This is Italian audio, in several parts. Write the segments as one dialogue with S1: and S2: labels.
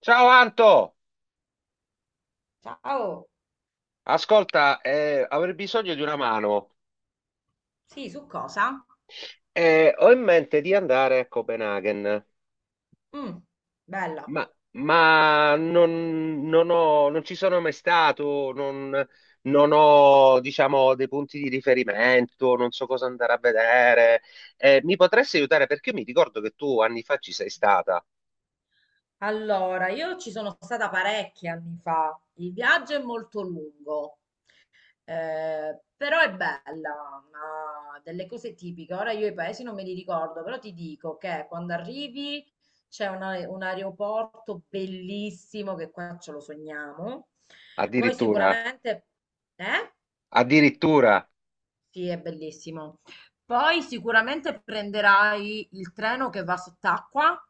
S1: Ciao Anto,
S2: Ciao,
S1: ascolta, avrei bisogno di una mano.
S2: sì, su cosa?
S1: Ho in mente di andare a Copenaghen,
S2: Mm, bella.
S1: ma non ci sono mai stato, non ho, diciamo, dei punti di riferimento, non so cosa andare a vedere. Mi potresti aiutare? Perché io mi ricordo che tu anni fa ci sei stata.
S2: Allora, io ci sono stata parecchi anni fa. Il viaggio è molto lungo, però è bella, ha delle cose tipiche. Ora io i paesi non me li ricordo, però ti dico che quando arrivi c'è un aeroporto bellissimo che qua ce lo sogniamo. Poi
S1: Addirittura.
S2: sicuramente... Eh?
S1: Addirittura.
S2: Sì, è bellissimo. Poi sicuramente prenderai il treno che va sott'acqua,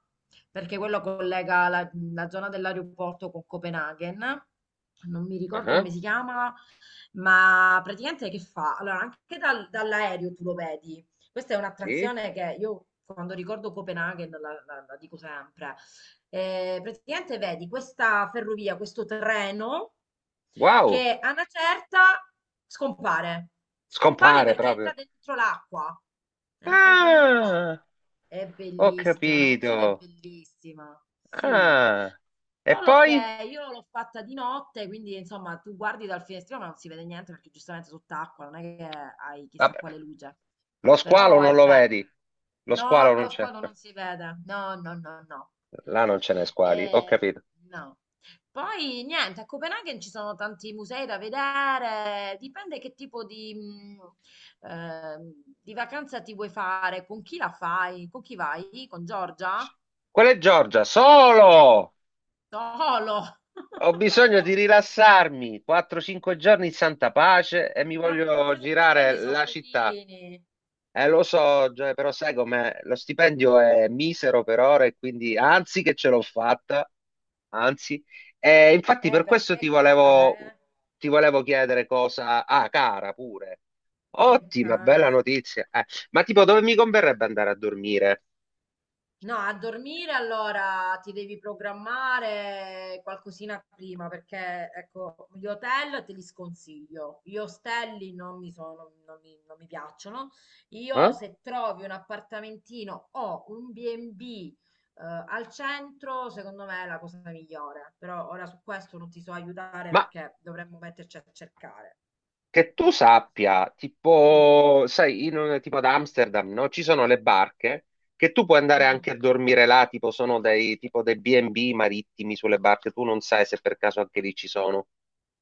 S2: perché quello collega la zona dell'aeroporto con Copenaghen. Non mi ricordo
S1: Ah,
S2: come si chiama, ma praticamente che fa? Allora, anche dall'aereo tu lo vedi. Questa è
S1: sì?
S2: un'attrazione che io quando ricordo Copenaghen la dico sempre. Praticamente vedi questa ferrovia, questo treno
S1: Wow,
S2: che a una certa scompare. Scompare
S1: scompare
S2: perché entra
S1: proprio.
S2: dentro l'acqua. Entra dentro l'acqua.
S1: Ah,
S2: È
S1: ho
S2: bellissima, è
S1: capito.
S2: un'emozione bellissima. Sì.
S1: Ah, e
S2: Solo
S1: poi?
S2: che io l'ho fatta di notte, quindi insomma tu guardi dal finestrino ma non si vede niente perché giustamente sott'acqua, non è che hai chissà
S1: Vabbè,
S2: quale luce,
S1: lo squalo
S2: però è
S1: non lo
S2: bella.
S1: vedi? Lo
S2: No,
S1: squalo non
S2: lo
S1: c'è.
S2: squalo non si vede, no, no, no, no.
S1: Là non ce n'è squali, ho
S2: Eh,
S1: capito.
S2: no. Poi niente, a Copenaghen ci sono tanti musei da vedere, dipende che tipo di vacanza ti vuoi fare, con chi la fai, con chi vai, con Giorgia?
S1: Quella è Giorgia, solo!
S2: Solo!
S1: Ho bisogno di rilassarmi. 4-5 giorni in santa pace e mi
S2: Ma
S1: voglio
S2: 4-5
S1: girare
S2: giorni sono
S1: la città.
S2: pochini,
S1: Lo so, Gioia, però sai com'è? Lo stipendio è misero per ora e quindi anzi che ce l'ho fatta, anzi. E infatti per questo
S2: perché
S1: ti
S2: è
S1: volevo,
S2: cara, eh?
S1: ti volevo chiedere cosa. Ah, cara, pure.
S2: È
S1: Ottima, bella
S2: cara, sì.
S1: notizia. Ma tipo, dove mi converrebbe andare a dormire?
S2: No, a dormire allora ti devi programmare qualcosina prima, perché ecco, gli hotel te li sconsiglio, gli ostelli non mi sono, non mi, non mi piacciono. Io
S1: Eh?
S2: se trovi un appartamentino o un B&B al centro, secondo me è la cosa migliore, però ora su questo non ti so aiutare
S1: Ma
S2: perché dovremmo metterci a cercare.
S1: che tu sappia,
S2: Sì.
S1: tipo, sai, tipo ad Amsterdam, no? Ci sono le barche che tu puoi andare anche
S2: Mm,
S1: a dormire là, tipo sono dei tipo dei B&B marittimi sulle barche, tu non sai se per caso anche lì ci sono.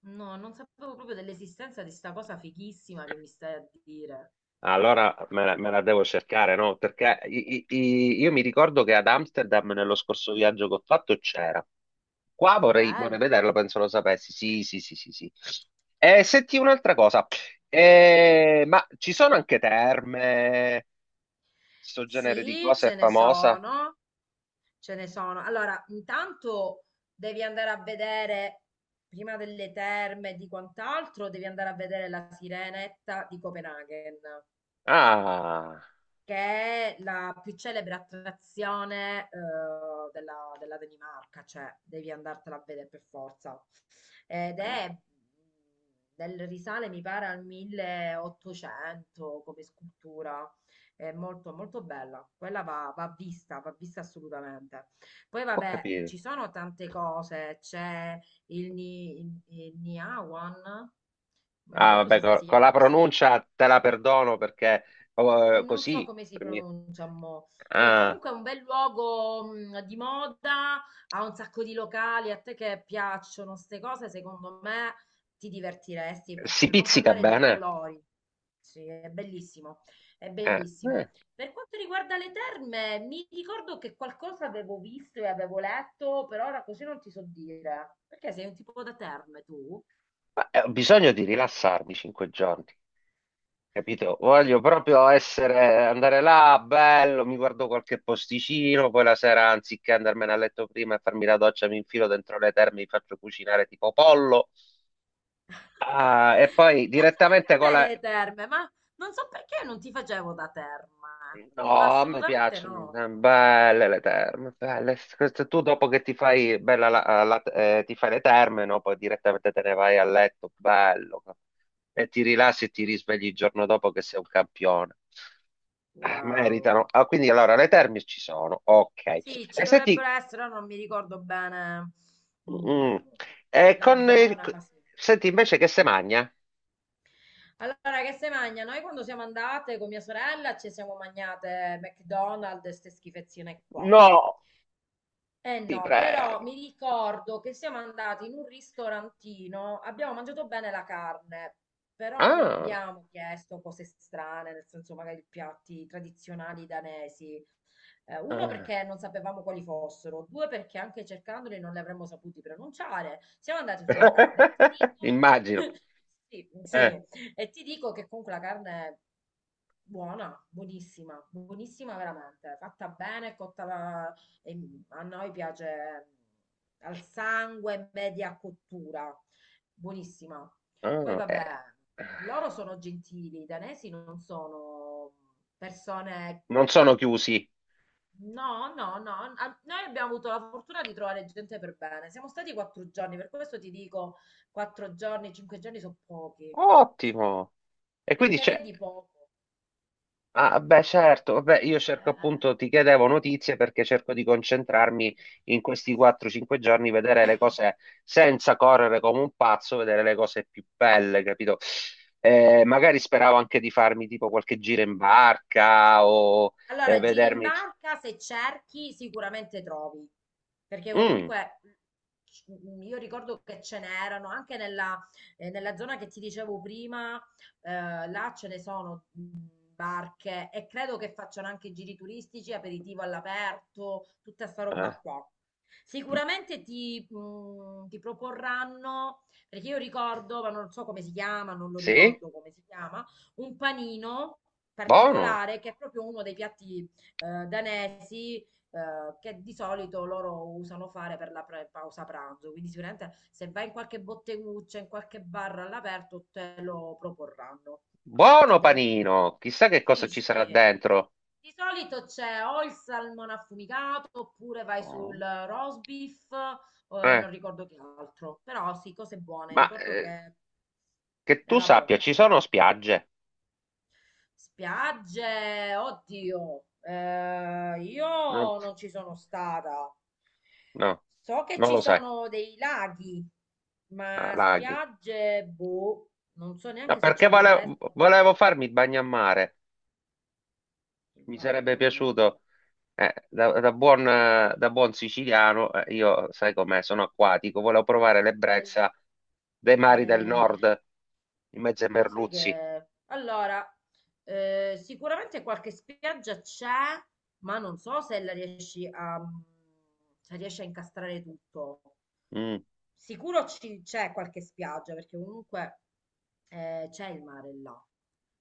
S2: no, non sapevo proprio dell'esistenza di sta cosa fighissima che mi stai a dire.
S1: Allora me la devo cercare, no? Perché io mi ricordo che ad Amsterdam nello scorso viaggio che ho fatto c'era. Qua vorrei vederlo,
S2: Bello.
S1: penso lo sapessi. Sì, sì, sì, sì, sì. E senti un'altra cosa.
S2: Dimmi.
S1: Ma ci sono anche terme, sto genere di
S2: Sì,
S1: cose è
S2: ce ne
S1: famosa?
S2: sono, ce ne sono. Allora, intanto devi andare a vedere, prima delle terme e di quant'altro, devi andare a vedere la Sirenetta di Copenaghen.
S1: Ah,
S2: Che è la più celebre attrazione della Danimarca, cioè devi andartela a vedere per forza. Ed è del risale, mi pare, al 1800 come scultura. È molto, molto bella. Quella va vista assolutamente. Poi,
S1: ho
S2: vabbè,
S1: capito.
S2: ci sono tante cose. C'è il Niawan, non mi
S1: Ah,
S2: ricordo
S1: vabbè,
S2: se si
S1: con
S2: chiama
S1: la
S2: così
S1: pronuncia te la perdono perché
S2: e non so
S1: così.
S2: come si pronuncia mo, che
S1: Ah,
S2: comunque è un bel luogo di moda, ha un sacco di locali, a te che piacciono queste cose, secondo me ti divertiresti,
S1: si
S2: per non
S1: pizzica
S2: parlare dei
S1: bene.
S2: colori. Sì, è bellissimo, è
S1: Eh.
S2: bellissimo. Per quanto riguarda le terme, mi ricordo che qualcosa avevo visto e avevo letto, per ora così non ti so dire, perché sei un tipo da terme tu?
S1: Ma, ho bisogno di rilassarmi 5 giorni, capito? Voglio proprio essere, andare là, bello, mi guardo qualche posticino, poi la sera, anziché andarmene a letto prima e farmi la doccia, mi infilo dentro le terme, mi faccio cucinare tipo pollo. Ah, e poi
S2: Piacciono anche
S1: direttamente
S2: a
S1: con
S2: me
S1: la.
S2: le terme, ma non so perché non ti facevo da terma. No,
S1: No, mi
S2: assolutamente
S1: piacciono,
S2: no.
S1: belle le terme, belle. Questo Tu dopo che ti fai, bella, ti fai le terme, no? Poi direttamente te ne vai a letto, bello. E ti rilassi e ti risvegli il giorno dopo che sei un campione. Meritano.
S2: Wow.
S1: Ah, quindi allora le terme ci sono, ok.
S2: Sì, ci
S1: E senti,
S2: dovrebbero essere, ora non mi ricordo bene
S1: mm,
S2: mm,
S1: e
S2: la
S1: con il-
S2: zona, ma sì.
S1: senti invece che se magna?
S2: Allora, che se mangia? Noi quando siamo andate con mia sorella ci siamo mangiate McDonald's e ste schifezzine qua.
S1: No,
S2: Eh
S1: ti
S2: no, però
S1: prego.
S2: mi ricordo che siamo andati in un ristorantino, abbiamo mangiato bene la carne, però non
S1: Ah,
S2: abbiamo chiesto cose strane, nel senso magari piatti tradizionali danesi. Uno
S1: ah.
S2: perché non sapevamo quali fossero, due perché anche cercandoli non li avremmo saputi pronunciare. Siamo andati sulla carne e ti dico,
S1: Immagino. Eh.
S2: sì, sì, e ti dico che comunque la carne è buona, buonissima, buonissima veramente, fatta bene, cotta e mm, a noi piace mm, al sangue, media cottura, buonissima. Poi
S1: Ah, eh.
S2: vabbè, loro sono gentili, i danesi non sono mm, persone...
S1: Non sono chiusi.
S2: No, no, no, noi abbiamo avuto la fortuna di trovare gente per bene. Siamo stati quattro giorni, per questo ti dico quattro giorni, cinque giorni sono pochi,
S1: Ottimo. E quindi
S2: perché
S1: c'è.
S2: vedi poco.
S1: Ah, beh, certo. Vabbè, io cerco
S2: Eh,
S1: appunto, ti chiedevo notizie perché cerco di concentrarmi in questi 4-5 giorni, vedere le cose senza correre come un pazzo, vedere le cose più belle, capito? Magari speravo anche di farmi tipo qualche giro in barca o
S2: Allora, giri in
S1: vedermi.
S2: barca, se cerchi sicuramente trovi, perché
S1: Mm,
S2: comunque c- io ricordo che ce n'erano anche nella zona che ti dicevo prima, là ce ne sono barche e credo che facciano anche giri turistici, aperitivo all'aperto, tutta sta roba
S1: eh,
S2: qua. Sicuramente ti proporranno, perché io ricordo, ma non so come si chiama, non lo
S1: sì?
S2: ricordo come si chiama, un panino
S1: Buono.
S2: particolare che è proprio uno dei piatti danesi che di solito loro usano fare per la pausa pranzo. Quindi sicuramente se vai in qualche botteguccia, in qualche bar all'aperto, te lo proporranno.
S1: Buono
S2: Ed è uno dei...
S1: panino. Chissà che cosa
S2: Sì,
S1: ci sarà
S2: sì.
S1: dentro.
S2: Di solito c'è o il salmone affumicato oppure vai sul
S1: Oh.
S2: roast beef o
S1: Eh,
S2: non ricordo che altro, però sì, cose buone.
S1: ma
S2: Ricordo che
S1: che tu
S2: era
S1: sappia,
S2: buono.
S1: ci sono spiagge?
S2: Spiagge, oddio,
S1: Non-
S2: io non ci sono stata.
S1: no,
S2: So che
S1: non
S2: ci
S1: lo sai.
S2: sono dei laghi,
S1: Ah,
S2: ma
S1: laghi.
S2: spiagge, boh, non so
S1: No,
S2: neanche se ci
S1: perché volevo,
S2: arriveresti.
S1: volevo farmi il bagnamare,
S2: Il
S1: mi
S2: bagno
S1: sarebbe
S2: a
S1: piaciuto,
S2: mare.
S1: da buon siciliano, io sai com'è, sono acquatico, volevo provare l'ebbrezza
S2: Lo-
S1: dei mari del
S2: eh.
S1: nord, in mezzo ai
S2: Lo sai
S1: merluzzi.
S2: che... Allora, sicuramente qualche spiaggia c'è, ma non so se la riesci se riesci a incastrare tutto.
S1: Mm.
S2: Sicuro c'è qualche spiaggia, perché comunque c'è il mare là.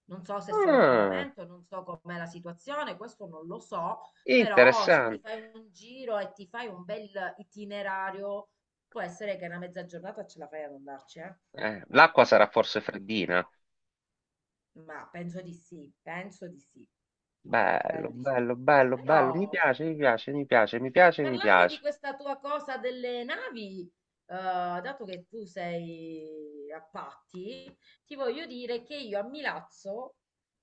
S2: Non so se sono a
S1: Ah,
S2: pagamento, non so com'è la situazione, questo non lo so, però se ti
S1: interessante.
S2: fai un giro e ti fai un bel itinerario, può essere che una mezza giornata ce la fai ad andarci, eh?
S1: L'acqua sarà forse
S2: Perché no?
S1: freddina?
S2: Ma penso di sì,
S1: Bello,
S2: credo di sì.
S1: bello, bello, bello, mi
S2: Però
S1: piace, mi piace, mi piace, mi piace, mi
S2: parlando di
S1: piace.
S2: questa tua cosa delle navi, dato che tu sei a Patti, ti voglio dire che io a Milazzo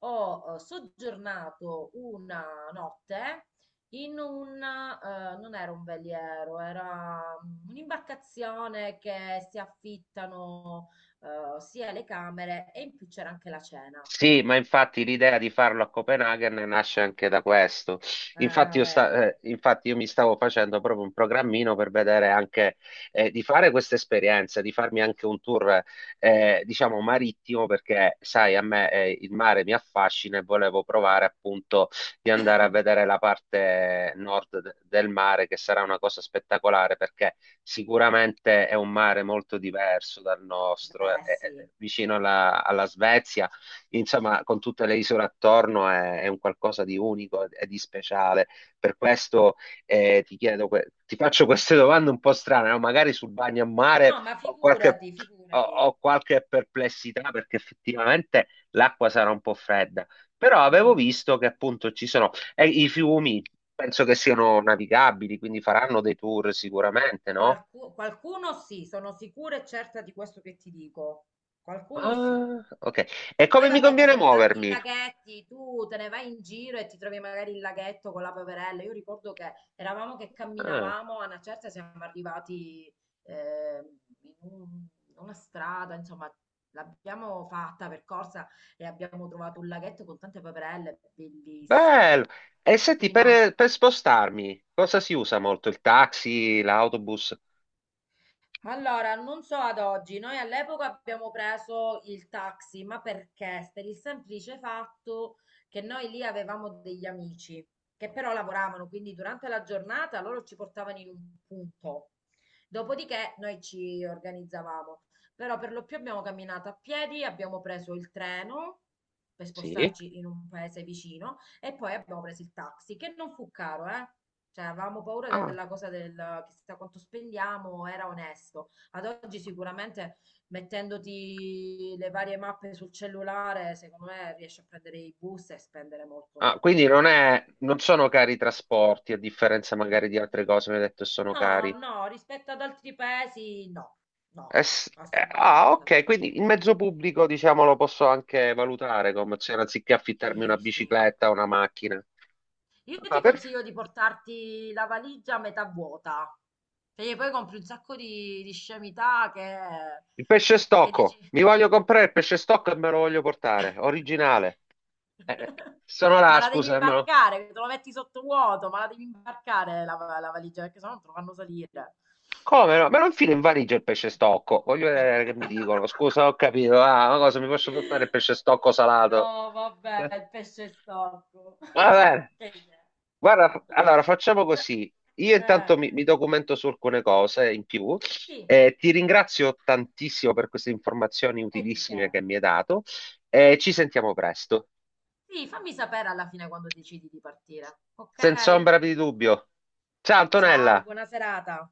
S2: ho soggiornato una notte in un, non era un veliero, era mm, un'imbarcazione che si affittano sia le camere e in più c'era anche la cena.
S1: Sì, ma infatti l'idea di farlo a Copenaghen nasce anche da questo. Infatti
S2: Ah,
S1: io, sta-
S2: vedi.
S1: eh, infatti io mi stavo facendo proprio un programmino per vedere anche di fare questa esperienza, di farmi anche un tour, diciamo, marittimo, perché sai, a me il mare mi affascina e volevo provare
S2: Ah,
S1: appunto di andare a vedere la parte nord del mare, che sarà una cosa spettacolare, perché sicuramente è un mare molto diverso dal nostro, è,
S2: beh,
S1: è- è
S2: sì.
S1: vicino alla Svezia insomma, con tutte le isole attorno è un qualcosa di unico e di speciale. Per questo ti chiedo, ti faccio queste domande un po' strane, no? Magari sul bagno a mare
S2: No, ma
S1: ho qualche,
S2: figurati,
S1: ho-
S2: figurati.
S1: ho qualche perplessità perché effettivamente l'acqua sarà un po' fredda, però avevo
S2: Mm.
S1: visto che appunto ci sono e i fiumi, penso che siano navigabili, quindi faranno dei tour sicuramente, no?
S2: Qualcuno sì, sono sicura e certa di questo che ti dico. Qualcuno sì.
S1: Ah, ok. E
S2: Poi
S1: come mi
S2: vabbè, ci
S1: conviene
S2: sono tanti
S1: muovermi?
S2: laghetti, tu te ne vai in giro e ti trovi magari il laghetto con la poverella. Io ricordo che eravamo che
S1: Ah.
S2: camminavamo, a una certa siamo arrivati eh, in un- una strada, insomma, l'abbiamo fatta percorsa e abbiamo trovato un laghetto con tante poverelle, bellissimo.
S1: Bello. E senti,
S2: Sì, no.
S1: per spostarmi, cosa si usa molto? Il taxi, l'autobus?
S2: Allora, non so ad oggi, noi all'epoca abbiamo preso il taxi, ma perché? Per il semplice fatto che noi lì avevamo degli amici che però lavoravano, quindi durante la giornata loro ci portavano in un punto. Dopodiché noi ci organizzavamo, però per lo più abbiamo camminato a piedi, abbiamo preso il treno per
S1: Sì?
S2: spostarci in un paese vicino e poi abbiamo preso il taxi, che non fu caro, eh? Cioè, avevamo paura
S1: Ah.
S2: della cosa del chissà quanto spendiamo, era onesto. Ad oggi sicuramente mettendoti le varie mappe sul cellulare, secondo me riesci a prendere i bus e spendere molto
S1: Ah,
S2: meno.
S1: quindi non sono cari i trasporti, a differenza
S2: Beh,
S1: magari di
S2: decisamente.
S1: altre
S2: Mm,
S1: cose, mi hai detto che sono cari.
S2: no, no, rispetto ad altri paesi, no,
S1: Eh,
S2: no,
S1: s- eh, ah,
S2: assolutamente.
S1: ok, quindi il mezzo pubblico, diciamo, lo posso anche valutare come opzione, anziché affittarmi una
S2: Sì, sì.
S1: bicicletta o una macchina.
S2: Io
S1: Ah,
S2: ti
S1: per-
S2: consiglio di portarti la valigia a metà vuota, perché poi compri un sacco di scemità
S1: Il pesce
S2: che dici...
S1: stocco. Mi voglio comprare il pesce stocco e me lo voglio portare. Originale. Eh, eh, Sono
S2: Ma
S1: là,
S2: la devi
S1: scusa.
S2: imbarcare, te lo metti sottovuoto, ma la devi imbarcare la valigia, perché sennò non te lo fanno salire.
S1: Come no? Me lo infilo in valigia il pesce stocco. Voglio vedere che mi dicono. Scusa, ho capito. Ah, ma cosa mi posso portare il pesce stocco salato?
S2: No, vabbè,
S1: Eh,
S2: il pesce storto.
S1: Va bene.
S2: Che idea.
S1: Guarda, allora facciamo
S2: Cioè,
S1: così. Io intanto
S2: eh,
S1: mi documento su alcune cose in più.
S2: sì,
S1: Ti ringrazio tantissimo per queste informazioni
S2: e di che?
S1: utilissime che mi hai dato e ci sentiamo presto.
S2: Sì, fammi sapere alla fine quando decidi di partire. Ok?
S1: Senza ombra di dubbio. Ciao
S2: Ciao,
S1: Antonella!
S2: buona serata.